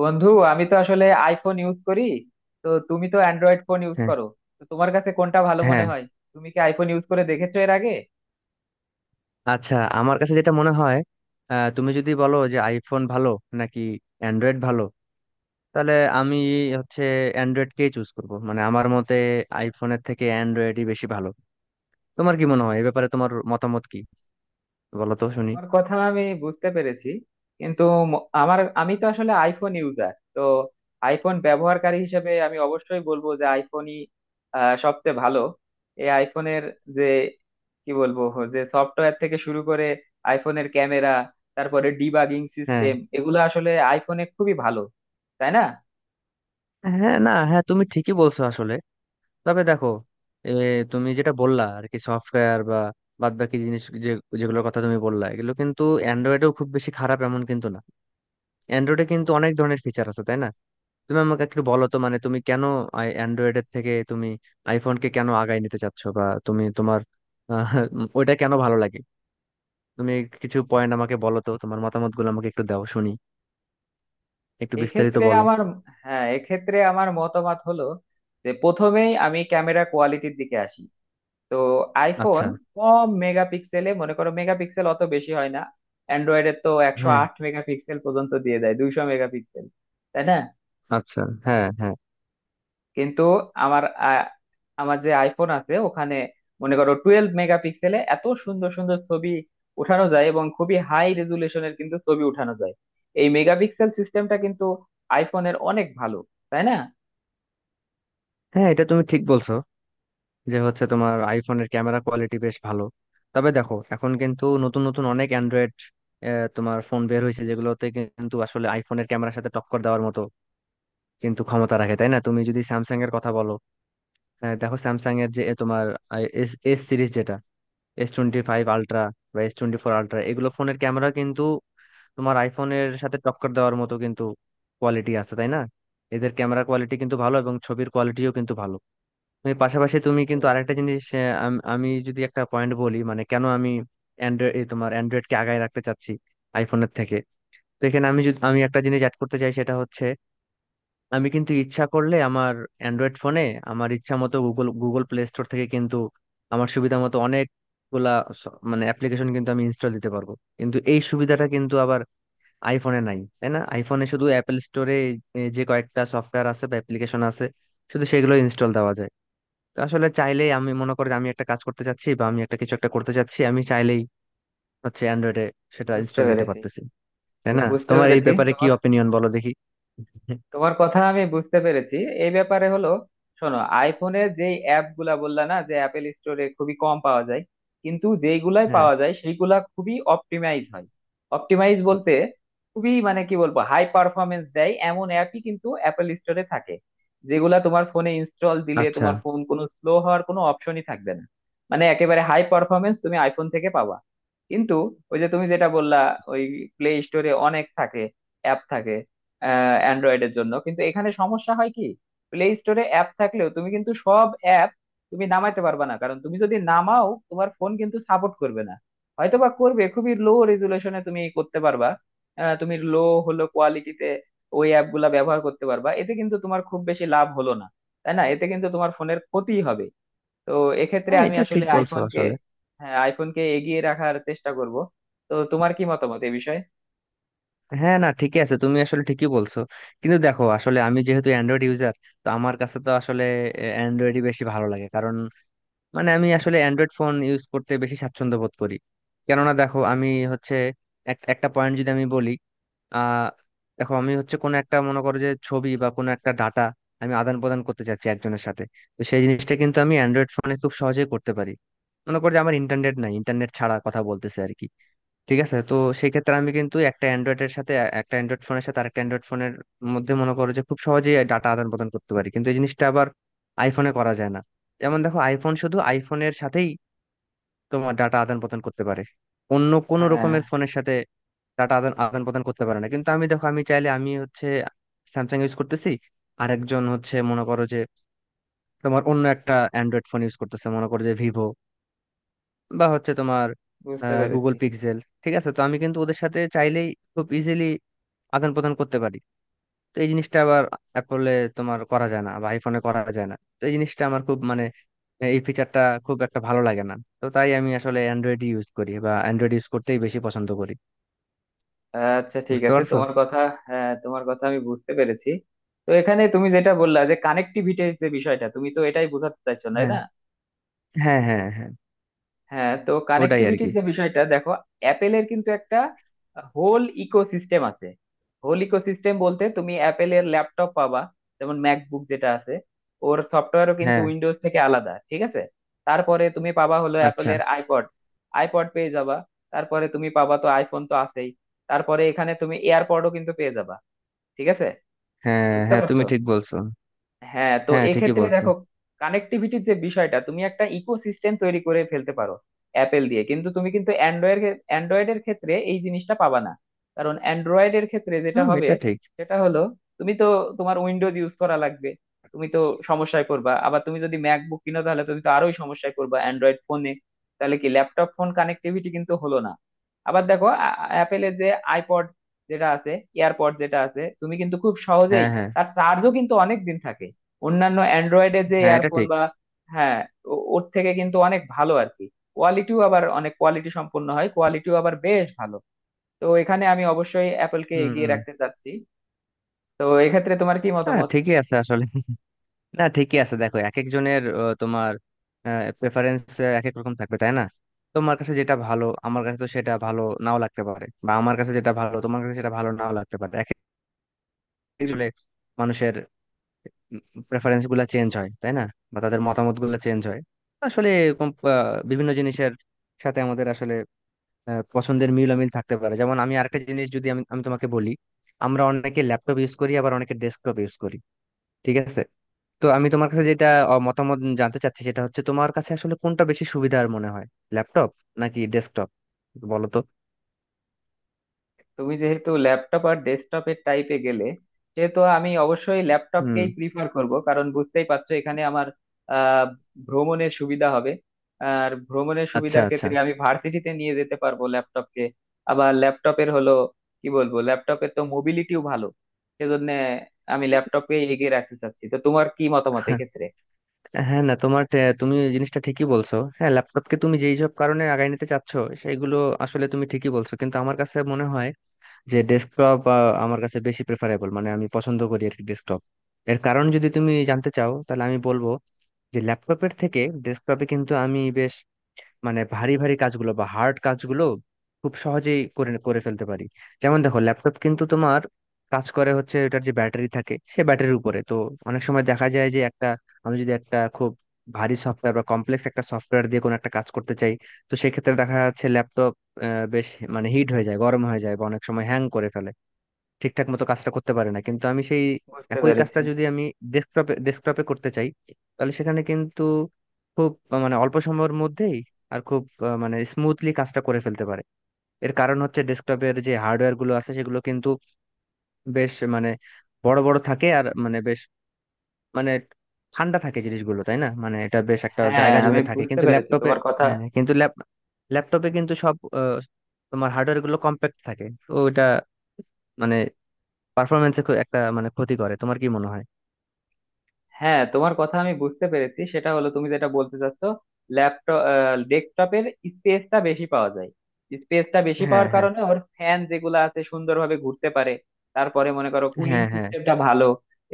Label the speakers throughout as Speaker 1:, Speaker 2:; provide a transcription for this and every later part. Speaker 1: বন্ধু, আমি তো আসলে আইফোন ইউজ করি। তো তুমি তো অ্যান্ড্রয়েড ফোন ইউজ
Speaker 2: হ্যাঁ,
Speaker 1: করো। তো তোমার কাছে কোনটা ভালো মনে
Speaker 2: হ্যাঁ।
Speaker 1: হয়? তুমি কি আইফোন ইউজ করে দেখেছো এর আগে?
Speaker 2: আচ্ছা, আমার কাছে যেটা মনে হয়, তুমি যদি বলো যে আইফোন ভালো নাকি অ্যান্ড্রয়েড ভালো, তাহলে আমি হচ্ছে অ্যান্ড্রয়েডকেই চুজ করব। মানে আমার মতে আইফোনের থেকে অ্যান্ড্রয়েডই বেশি ভালো। তোমার কি মনে হয় এই ব্যাপারে? তোমার মতামত কি, বলো তো শুনি।
Speaker 1: তোমার কথা আমি বুঝতে পেরেছি, কিন্তু ম- আমার আমি তো আসলে আইফোন ইউজার তো। আইফোন ব্যবহারকারী হিসেবে আমি অবশ্যই বলবো যে আইফোনই সবচেয়ে ভালো। এই আইফোনের যে কি বলবো, যে সফটওয়্যার থেকে শুরু করে আইফোনের ক্যামেরা, তারপরে ডিবাগিং
Speaker 2: হ্যাঁ,
Speaker 1: সিস্টেম, এগুলো আসলে আইফোনে খুবই ভালো, তাই না?
Speaker 2: হ্যাঁ, না, হ্যাঁ, তুমি ঠিকই বলছো আসলে। তবে দেখো, এ, তুমি যেটা বললা আর কি, সফটওয়্যার বা বাদ বাকি জিনিস, যেগুলোর কথা তুমি বললা, এগুলো কিন্তু অ্যান্ড্রয়েডেও খুব বেশি খারাপ এমন কিন্তু না। অ্যান্ড্রয়েডে কিন্তু অনেক ধরনের ফিচার আছে, তাই না? তুমি আমাকে একটু বলো তো, মানে তুমি কেন অ্যান্ড্রয়েডের থেকে তুমি আইফোনকে কেন আগায় নিতে চাচ্ছ, বা তুমি তোমার ওইটা কেন ভালো লাগে। তুমি কিছু পয়েন্ট আমাকে বলো তো, তোমার মতামতগুলো আমাকে একটু দাও শুনি, একটু বিস্তারিত
Speaker 1: এক্ষেত্রে
Speaker 2: বলো।
Speaker 1: আমার, হ্যাঁ এক্ষেত্রে আমার মতামত হলো, যে প্রথমেই আমি ক্যামেরা কোয়ালিটির দিকে আসি। তো আইফোন
Speaker 2: আচ্ছা।
Speaker 1: কম মেগাপিক্সেলে, মনে করো মেগাপিক্সেল অত বেশি হয় না। অ্যান্ড্রয়েডের তো একশো
Speaker 2: হ্যাঁ।
Speaker 1: আট মেগাপিক্সেল পর্যন্ত দিয়ে দেয়, 200 মেগাপিক্সেল, তাই না?
Speaker 2: আচ্ছা। হ্যাঁ, হ্যাঁ।
Speaker 1: কিন্তু আমার, আ- আমার যে আইফোন আছে ওখানে মনে করো 12 মেগাপিক্সেলে এত সুন্দর সুন্দর ছবি উঠানো যায়, এবং খুবই হাই রেজুলেশনের কিন্তু ছবি উঠানো যায়। এই মেগাপিক্সেল সিস্টেমটা কিন্তু আইফোনের অনেক ভালো, তাই না?
Speaker 2: হ্যাঁ, এটা তুমি ঠিক বলছো যে হচ্ছে তোমার আইফোনের ক্যামেরা কোয়ালিটি বেশ ভালো। তবে দেখো, এখন কিন্তু নতুন নতুন অনেক অ্যান্ড্রয়েড তোমার ফোন বের হয়েছে, যেগুলোতে কিন্তু আসলে আইফোনের ক্যামেরার সাথে টক্কর দেওয়ার মতো কিন্তু ক্ষমতা রাখে, তাই না? তুমি যদি স্যামসাং এর কথা বলো। হ্যাঁ, দেখো স্যামসাং এর যে তোমার এস এস সিরিজ, যেটা S25 Ultra বা S24 Ultra, এগুলো ফোনের ক্যামেরা কিন্তু তোমার আইফোনের সাথে টক্কর দেওয়ার মতো কিন্তু কোয়ালিটি আছে, তাই না? এদের ক্যামেরা কোয়ালিটি কিন্তু ভালো এবং ছবির কোয়ালিটিও কিন্তু ভালো। তুমি পাশাপাশি তুমি
Speaker 1: বুঝতে
Speaker 2: কিন্তু
Speaker 1: পারছি
Speaker 2: আরেকটা জিনিস, আমি যদি একটা পয়েন্ট বলি, মানে কেন আমি অ্যান্ড্রয়েড তোমার অ্যান্ড্রয়েডকে আগায় রাখতে চাচ্ছি আইফোনের থেকে। তো এখানে আমি যদি, আমি একটা জিনিস অ্যাড করতে চাই, সেটা হচ্ছে আমি কিন্তু ইচ্ছা করলে আমার অ্যান্ড্রয়েড ফোনে আমার ইচ্ছা মতো গুগল গুগল প্লে স্টোর থেকে কিন্তু আমার সুবিধা মতো অনেকগুলা মানে অ্যাপ্লিকেশন কিন্তু আমি ইনস্টল দিতে পারবো। কিন্তু এই সুবিধাটা কিন্তু আবার আইফোনে নাই, তাই না? আইফোনে শুধু অ্যাপেল স্টোরে যে কয়েকটা সফটওয়্যার আছে বা অ্যাপ্লিকেশন আছে, শুধু সেগুলো ইনস্টল দেওয়া যায়। তো আসলে চাইলেই, আমি মনে করি যে আমি একটা কাজ করতে চাচ্ছি বা আমি একটা, কিছু একটা করতে চাচ্ছি, আমি চাইলেই হচ্ছে অ্যান্ড্রয়েডে সেটা
Speaker 1: বুঝতে
Speaker 2: ইনস্টল দিতে
Speaker 1: পেরেছি
Speaker 2: পারতেছি। তাই না?
Speaker 1: বুঝতে
Speaker 2: তোমার এই
Speaker 1: পেরেছি
Speaker 2: ব্যাপারে কি
Speaker 1: তোমার,
Speaker 2: অপিনিয়ন বলো দেখি।
Speaker 1: তোমার কথা আমি বুঝতে পেরেছি। এই ব্যাপারে হলো, শোনো আইফোনে যে অ্যাপ গুলা বললা না, যে অ্যাপেল স্টোরে খুবই কম পাওয়া যায়, কিন্তু যেইগুলাই
Speaker 2: হ্যাঁ।
Speaker 1: পাওয়া যায় সেইগুলা খুবই অপটিমাইজ হয়। অপটিমাইজ বলতে খুবই মানে কি বলবো, হাই পারফরমেন্স দেয় এমন অ্যাপই কিন্তু অ্যাপেল স্টোরে থাকে, যেগুলা তোমার ফোনে ইনস্টল দিলে
Speaker 2: আচ্ছা।
Speaker 1: তোমার ফোন কোনো স্লো হওয়ার কোনো অপশনই থাকবে না। মানে একেবারে হাই পারফরমেন্স তুমি আইফোন থেকে পাবা। কিন্তু ওই যে তুমি যেটা বললা, ওই প্লে স্টোরে অনেক থাকে, অ্যাপ থাকে অ্যান্ড্রয়েডের জন্য, কিন্তু এখানে সমস্যা হয় কি, প্লে স্টোরে অ্যাপ থাকলেও তুমি কিন্তু সব অ্যাপ তুমি নামাইতে পারবে না, কারণ তুমি যদি নামাও তোমার ফোন কিন্তু সাপোর্ট করবে না। হয়তো বা করবে খুবই লো রেজুলেশনে, তুমি করতে পারবা তুমি লো হলো কোয়ালিটিতে ওই অ্যাপ গুলা ব্যবহার করতে পারবা, এতে কিন্তু তোমার খুব বেশি লাভ হলো না, তাই না? এতে কিন্তু তোমার ফোনের ক্ষতি হবে। তো এক্ষেত্রে
Speaker 2: হ্যাঁ,
Speaker 1: আমি
Speaker 2: এটা ঠিক
Speaker 1: আসলে
Speaker 2: বলছো
Speaker 1: আইফোনকে,
Speaker 2: আসলে।
Speaker 1: হ্যাঁ আইফোনকে এগিয়ে রাখার চেষ্টা করব। তো তোমার কি মতামত এই বিষয়ে?
Speaker 2: হ্যাঁ, না ঠিকই আছে, তুমি আসলে ঠিকই বলছো। কিন্তু দেখো, আসলে আমি যেহেতু অ্যান্ড্রয়েড ইউজার, তো আমার কাছে তো আসলে অ্যান্ড্রয়েডই বেশি ভালো লাগে। কারণ মানে আমি আসলে অ্যান্ড্রয়েড ফোন ইউজ করতে বেশি স্বাচ্ছন্দ্য বোধ করি। কেননা দেখো, আমি হচ্ছে একটা পয়েন্ট যদি আমি বলি, আহ দেখো, আমি হচ্ছে কোনো একটা, মনে করো যে ছবি বা কোনো একটা ডাটা আমি আদান প্রদান করতে চাচ্ছি একজনের সাথে। তো সেই জিনিসটা কিন্তু আমি অ্যান্ড্রয়েড ফোনে খুব সহজেই করতে পারি। মনে করো যে আমার ইন্টারনেট নাই, ইন্টারনেট ছাড়া কথা বলতেছে আর কি। ঠিক আছে। তো সেই ক্ষেত্রে আমি কিন্তু একটা অ্যান্ড্রয়েডের সাথে, একটা অ্যান্ড্রয়েড ফোনের সাথে আরেকটা অ্যান্ড্রয়েড ফোনের মধ্যে, মনে করো যে, খুব সহজেই ডাটা আদান প্রদান করতে পারি। কিন্তু এই জিনিসটা আবার আইফোনে করা যায় না। যেমন দেখো, আইফোন শুধু আইফোনের সাথেই তোমার ডাটা আদান প্রদান করতে পারে, অন্য কোনো
Speaker 1: হ্যাঁ,
Speaker 2: রকমের ফোনের সাথে ডাটা আদান আদান প্রদান করতে পারে না। কিন্তু আমি, দেখো, আমি চাইলে আমি হচ্ছে স্যামসাং ইউজ করতেছি, আরেকজন হচ্ছে, মনে করো যে তোমার অন্য একটা অ্যান্ড্রয়েড ফোন ইউজ করতেছে, মনে করো যে ভিভো বা হচ্ছে তোমার
Speaker 1: বুঝতে পেরেছি।
Speaker 2: Google pixel. ঠিক আছে। তো আমি কিন্তু ওদের সাথে চাইলেই খুব ইজিলি আদান প্রদান করতে পারি। তো এই জিনিসটা আবার অ্যাপলে তোমার করা যায় না, বা আইফোনে করা যায় না। তো এই জিনিসটা আমার খুব মানে, এই ফিচারটা খুব একটা ভালো লাগে না। তো তাই আমি আসলে অ্যান্ড্রয়েড ইউজ করি, বা অ্যান্ড্রয়েড ইউজ করতেই বেশি পছন্দ করি।
Speaker 1: আচ্ছা ঠিক
Speaker 2: বুঝতে
Speaker 1: আছে,
Speaker 2: পারছো?
Speaker 1: তোমার কথা, হ্যাঁ তোমার কথা আমি বুঝতে পেরেছি। তো এখানে তুমি যেটা বললা যে কানেক্টিভিটির যে বিষয়টা, তুমি তো এটাই বোঝাতে চাইছো, তাই
Speaker 2: হ্যাঁ,
Speaker 1: না?
Speaker 2: হ্যাঁ, হ্যাঁ। হ্যাঁ,
Speaker 1: হ্যাঁ, তো
Speaker 2: ওটাই আর
Speaker 1: কানেক্টিভিটির
Speaker 2: কি।
Speaker 1: যে বিষয়টা, দেখো অ্যাপেলের কিন্তু একটা হোল ইকোসিস্টেম আছে। হোল ইকোসিস্টেম বলতে তুমি অ্যাপেলের ল্যাপটপ পাবা, যেমন ম্যাকবুক যেটা আছে, ওর সফটওয়্যারও কিন্তু
Speaker 2: হ্যাঁ।
Speaker 1: উইন্ডোজ থেকে আলাদা, ঠিক আছে। তারপরে তুমি পাবা হলো
Speaker 2: আচ্ছা।
Speaker 1: অ্যাপেলের আইপড, আইপড পেয়ে যাবা। তারপরে তুমি পাবা, তো আইফোন তো আছেই। তারপরে এখানে তুমি এয়ারপডও কিন্তু পেয়ে যাবা, ঠিক আছে?
Speaker 2: হ্যাঁ,
Speaker 1: বুঝতে
Speaker 2: হ্যাঁ, তুমি
Speaker 1: পারছো?
Speaker 2: ঠিক বলছো।
Speaker 1: হ্যাঁ, তো
Speaker 2: হ্যাঁ, ঠিকই
Speaker 1: এক্ষেত্রে
Speaker 2: বলছো।
Speaker 1: দেখো কানেক্টিভিটির যে বিষয়টা, তুমি একটা ইকোসিস্টেম তৈরি করে ফেলতে পারো অ্যাপেল দিয়ে, কিন্তু তুমি কিন্তু অ্যান্ড্রয়েড, অ্যান্ড্রয়েডের ক্ষেত্রে এই জিনিসটা পাবা না। কারণ অ্যান্ড্রয়েডের ক্ষেত্রে যেটা
Speaker 2: হুম,
Speaker 1: হবে,
Speaker 2: এটা ঠিক।
Speaker 1: সেটা হলো তুমি তো তোমার উইন্ডোজ ইউজ করা লাগবে, তুমি তো সমস্যায় করবা। আবার তুমি যদি ম্যাকবুক কিনো, তাহলে তুমি তো আরোই সমস্যায় করবা অ্যান্ড্রয়েড ফোনে। তাহলে কি ল্যাপটপ ফোন কানেক্টিভিটি কিন্তু হলো না। আবার দেখো অ্যাপেলের যে আইপড যেটা আছে, এয়ারপড যেটা আছে, তুমি কিন্তু খুব সহজেই,
Speaker 2: হ্যাঁ, হ্যাঁ।
Speaker 1: তার চার্জও কিন্তু অনেক দিন থাকে। অন্যান্য অ্যান্ড্রয়েডের যে
Speaker 2: হ্যাঁ, এটা
Speaker 1: ইয়ারফোন
Speaker 2: ঠিক।
Speaker 1: বা, হ্যাঁ ওর থেকে কিন্তু অনেক ভালো আর কি। কোয়ালিটিও আবার অনেক কোয়ালিটি সম্পন্ন হয়, কোয়ালিটিও আবার বেশ ভালো। তো এখানে আমি অবশ্যই অ্যাপলকে এগিয়ে
Speaker 2: হুম।
Speaker 1: রাখতে চাচ্ছি। তো এক্ষেত্রে তোমার কি
Speaker 2: হ্যাঁ,
Speaker 1: মতামত?
Speaker 2: ঠিকই আছে আসলে। না, ঠিকই আছে। দেখো, এক একজনের তোমার প্রেফারেন্স এক এক রকম থাকবে, তাই না? তোমার কাছে যেটা ভালো আমার কাছে তো সেটা ভালো নাও লাগতে পারে, বা আমার কাছে যেটা ভালো তোমার কাছে সেটা ভালো নাও লাগতে পারে। এক একজনের মানুষের প্রেফারেন্স গুলা চেঞ্জ হয়, তাই না? বা তাদের মতামত গুলা চেঞ্জ হয়। আসলে এরকম বিভিন্ন জিনিসের সাথে আমাদের আসলে পছন্দের মিল অমিল থাকতে পারে। যেমন আমি আরেকটা জিনিস যদি আমি, তোমাকে বলি, আমরা অনেকে ল্যাপটপ ইউজ করি, আবার অনেকে ডেস্কটপ ইউজ করি। ঠিক আছে। তো আমি তোমার কাছে যেটা মতামত জানতে চাচ্ছি, সেটা হচ্ছে তোমার কাছে আসলে কোনটা বেশি সুবিধার মনে হয়, ল্যাপটপ নাকি ডেস্কটপ, বলো তো।
Speaker 1: তুমি যেহেতু ল্যাপটপ আর ডেস্কটপের টাইপে গেলে, সেহেতু আমি অবশ্যই
Speaker 2: হুম।
Speaker 1: ল্যাপটপকেই প্রিফার করব, কারণ বুঝতেই পারছো এখানে আমার আহ ভ্রমণের সুবিধা হবে। আর ভ্রমণের
Speaker 2: আচ্ছা।
Speaker 1: সুবিধার
Speaker 2: আচ্ছা।
Speaker 1: ক্ষেত্রে আমি ভার্সিটিতে নিয়ে যেতে পারবো ল্যাপটপকে। আবার ল্যাপটপের হলো, কি বলবো, ল্যাপটপের তো মোবিলিটিও ভালো, সেজন্য আমি ল্যাপটপকেই এগিয়ে রাখতে চাচ্ছি। তো তোমার কি মতামত এক্ষেত্রে?
Speaker 2: হ্যাঁ, হ্যাঁ, না, তোমার তুমি এই জিনিসটা ঠিকই বলছো। হ্যাঁ, ল্যাপটপকে তুমি যেই সব কারণে আগায় নিতে চাচ্ছ, সেইগুলো আসলে তুমি ঠিকই বলছো। কিন্তু আমার কাছে মনে হয় যে ডেস্কটপ আমার কাছে বেশি প্রেফারেবল, মানে আমি পছন্দ করি আর কি ডেস্কটপ। এর কারণ যদি তুমি জানতে চাও তাহলে আমি বলবো যে ল্যাপটপের থেকে ডেস্কটপে কিন্তু আমি মানে ভারী ভারী কাজগুলো বা হার্ড কাজগুলো খুব সহজেই করে করে ফেলতে পারি। যেমন দেখো, ল্যাপটপ কিন্তু তোমার কাজ করে হচ্ছে এটার যে ব্যাটারি থাকে সে ব্যাটারির উপরে, তো অনেক সময় দেখা যায় যে একটা, আমি যদি একটা খুব ভারী সফটওয়্যার বা কমপ্লেক্স একটা সফটওয়্যার দিয়ে কোনো একটা কাজ করতে চাই, তো সেক্ষেত্রে দেখা যাচ্ছে ল্যাপটপ বেশ মানে হিট হয়ে যায়, গরম হয়ে যায়, বা অনেক সময় হ্যাং করে ফেলে, ঠিকঠাক মতো কাজটা করতে পারে না। কিন্তু আমি সেই
Speaker 1: বুঝতে
Speaker 2: একই
Speaker 1: পেরেছি,
Speaker 2: কাজটা যদি আমি ডেস্কটপে ডেস্কটপে করতে চাই, তাহলে সেখানে কিন্তু খুব মানে অল্প সময়ের মধ্যেই আর খুব মানে স্মুথলি কাজটা করে ফেলতে পারে। এর কারণ হচ্ছে ডেস্কটপের যে হার্ডওয়্যার গুলো আছে সেগুলো কিন্তু বেশ মানে বড় বড় থাকে, আর মানে বেশ মানে ঠান্ডা থাকে জিনিসগুলো, তাই না? মানে এটা বেশ একটা
Speaker 1: হ্যাঁ
Speaker 2: জায়গা
Speaker 1: আমি
Speaker 2: জুড়ে থাকে,
Speaker 1: বুঝতে
Speaker 2: কিন্তু
Speaker 1: পেরেছি
Speaker 2: ল্যাপটপে।
Speaker 1: তোমার কথা,
Speaker 2: হ্যাঁ, কিন্তু ল্যাপটপে কিন্তু সব তোমার হার্ডওয়্যার গুলো কম্প্যাক্ট থাকে, তো এটা মানে পারফরমেন্সে একটা মানে ক্ষতি করে। তোমার কি মনে হয়?
Speaker 1: হ্যাঁ তোমার কথা আমি বুঝতে পেরেছি। সেটা হলো তুমি যেটা বলতে চাচ্ছ, ল্যাপটপ, ডেস্কটপের স্পেসটা বেশি পাওয়া যায়, স্পেসটা বেশি
Speaker 2: হ্যাঁ,
Speaker 1: পাওয়ার
Speaker 2: হ্যাঁ।
Speaker 1: কারণে ওর ফ্যান যেগুলো আছে সুন্দরভাবে ঘুরতে পারে। তারপরে মনে করো কুলিং
Speaker 2: হ্যাঁ, হ্যাঁ।
Speaker 1: সিস্টেমটা ভালো।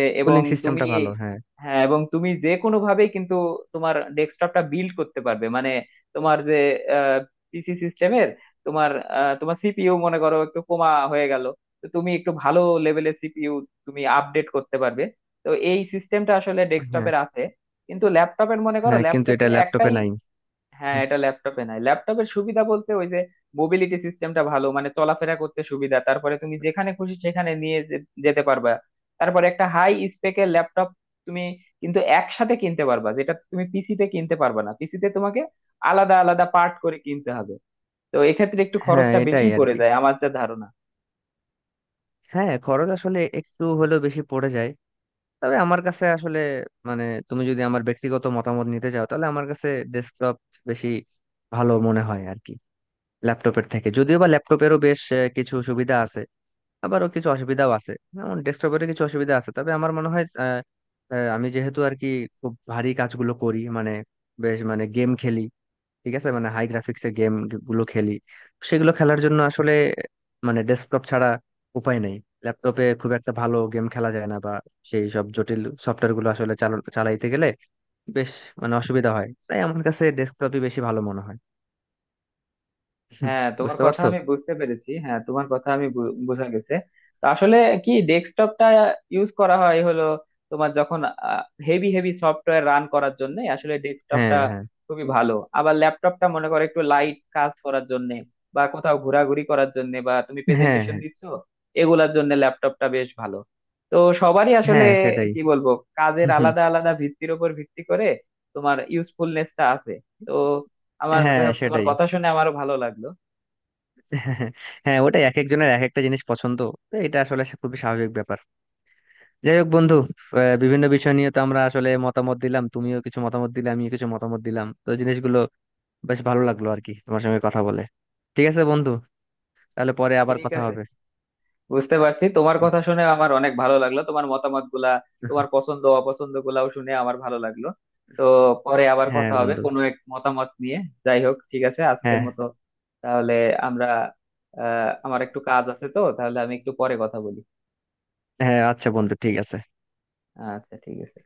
Speaker 1: এবং
Speaker 2: কুলিং
Speaker 1: তুমি,
Speaker 2: সিস্টেমটা ভালো। হ্যাঁ,
Speaker 1: হ্যাঁ এবং তুমি যে কোনো ভাবেই কিন্তু তোমার ডেস্কটপটা বিল্ড করতে পারবে মানে, তোমার যে পিসি সিস্টেমের তোমার তোমার সিপিইউ মনে করো একটু কমা হয়ে গেল, তো তুমি একটু ভালো লেভেলের সিপিইউ তুমি আপডেট করতে পারবে। তো এই সিস্টেমটা আসলে
Speaker 2: হ্যাঁ,
Speaker 1: ডেস্কটপের আছে, কিন্তু ল্যাপটপের, মনে করো
Speaker 2: হ্যাঁ, কিন্তু এটা
Speaker 1: ল্যাপটপের
Speaker 2: ল্যাপটপে
Speaker 1: একটাই,
Speaker 2: নাই।
Speaker 1: হ্যাঁ
Speaker 2: হুম।
Speaker 1: এটা ল্যাপটপে নাই। ল্যাপটপের সুবিধা বলতে ওই যে মোবিলিটি সিস্টেমটা ভালো, মানে চলাফেরা করতে সুবিধা, তারপরে তুমি যেখানে খুশি সেখানে নিয়ে যেতে পারবা। তারপরে একটা হাই স্পেকের ল্যাপটপ তুমি কিন্তু একসাথে কিনতে পারবা, যেটা তুমি পিসিতে কিনতে পারবা না, পিসিতে তোমাকে আলাদা আলাদা পার্ট করে কিনতে হবে। তো এক্ষেত্রে একটু
Speaker 2: হ্যাঁ,
Speaker 1: খরচটা বেশি
Speaker 2: এটাই আর
Speaker 1: পড়ে
Speaker 2: কি।
Speaker 1: যায় আমার যা ধারণা।
Speaker 2: হ্যাঁ, খরচ আসলে একটু হলেও বেশি পড়ে যায়। তবে আমার কাছে আসলে মানে, তুমি যদি আমার ব্যক্তিগত মতামত নিতে চাও তাহলে আমার কাছে ডেস্কটপ বেশি ভালো মনে হয় আর কি, ল্যাপটপের থেকে। যদিও বা ল্যাপটপেরও বেশ কিছু সুবিধা আছে, আবারও কিছু অসুবিধাও আছে, যেমন ডেস্কটপের কিছু অসুবিধা আছে। তবে আমার মনে হয়, আহ, আহ, আমি যেহেতু আর কি খুব ভারী কাজগুলো করি, মানে বেশ মানে গেম খেলি, ঠিক আছে, মানে হাই গ্রাফিক্সের গেম গুলো খেলি, সেগুলো খেলার জন্য আসলে মানে ডেস্কটপ ছাড়া উপায় নেই। ল্যাপটপে খুব একটা ভালো গেম খেলা যায় না, বা সেই সব জটিল সফটওয়্যার গুলো আসলে চালাইতে গেলে বেশ মানে অসুবিধা হয়, তাই আমার কাছে ডেস্কটপই বেশি ভালো মনে হয়।
Speaker 1: হ্যাঁ তোমার
Speaker 2: বুঝতে
Speaker 1: কথা
Speaker 2: পারছো?
Speaker 1: আমি বুঝতে পেরেছি, হ্যাঁ তোমার কথা আমি বোঝা গেছে। তো আসলে কি, ডেস্কটপটা ইউজ করা হয় হলো তোমার যখন হেভি হেভি সফটওয়্যার রান করার জন্য, আসলে
Speaker 2: হ্যাঁ,
Speaker 1: ডেস্কটপটা
Speaker 2: হ্যাঁ,
Speaker 1: খুবই ভালো। আবার ল্যাপটপটা মনে করো একটু লাইট কাজ করার জন্য, বা কোথাও ঘোরাঘুরি করার জন্য, বা তুমি
Speaker 2: হ্যাঁ।
Speaker 1: প্রেজেন্টেশন
Speaker 2: হ্যাঁ,
Speaker 1: দিচ্ছ, এগুলার জন্য ল্যাপটপটা বেশ ভালো। তো সবারই আসলে,
Speaker 2: হ্যাঁ, সেটাই।
Speaker 1: কি বলবো, কাজের আলাদা আলাদা ভিত্তির উপর ভিত্তি করে তোমার ইউজফুলনেসটা আছে। তো আমার
Speaker 2: হ্যাঁ,
Speaker 1: যাই হোক, তোমার
Speaker 2: সেটাই।
Speaker 1: কথা শুনে আমারও ভালো লাগলো।
Speaker 2: হ্যাঁ, হ্যাঁ, ওটাই, এক একজনের এক একটা জিনিস পছন্দ, তো এটা আসলে খুবই স্বাভাবিক ব্যাপার। যাই হোক বন্ধু, বিভিন্ন বিষয় নিয়ে তো আমরা আসলে মতামত দিলাম, তুমিও কিছু মতামত দিলে, আমিও কিছু মতামত দিলাম, তো জিনিসগুলো বেশ ভালো লাগলো আর কি তোমার সঙ্গে কথা বলে। ঠিক আছে বন্ধু, তাহলে পরে আবার
Speaker 1: ঠিক
Speaker 2: কথা
Speaker 1: আছে,
Speaker 2: হবে।
Speaker 1: বুঝতে পারছি। তোমার কথা শুনে আমার অনেক ভালো লাগলো, তোমার মতামত গুলা, তোমার পছন্দ অপছন্দ গুলাও শুনে আমার ভালো লাগলো। তো পরে আবার
Speaker 2: হ্যাঁ
Speaker 1: কথা হবে
Speaker 2: বন্ধু।
Speaker 1: কোনো এক মতামত নিয়ে। যাই হোক, ঠিক আছে আজকের
Speaker 2: হ্যাঁ।
Speaker 1: মতো। তাহলে আমরা, আমার একটু কাজ আছে, তো তাহলে আমি একটু পরে কথা বলি।
Speaker 2: হ্যাঁ, আচ্ছা বন্ধু, ঠিক আছে।
Speaker 1: আচ্ছা, ঠিক আছে।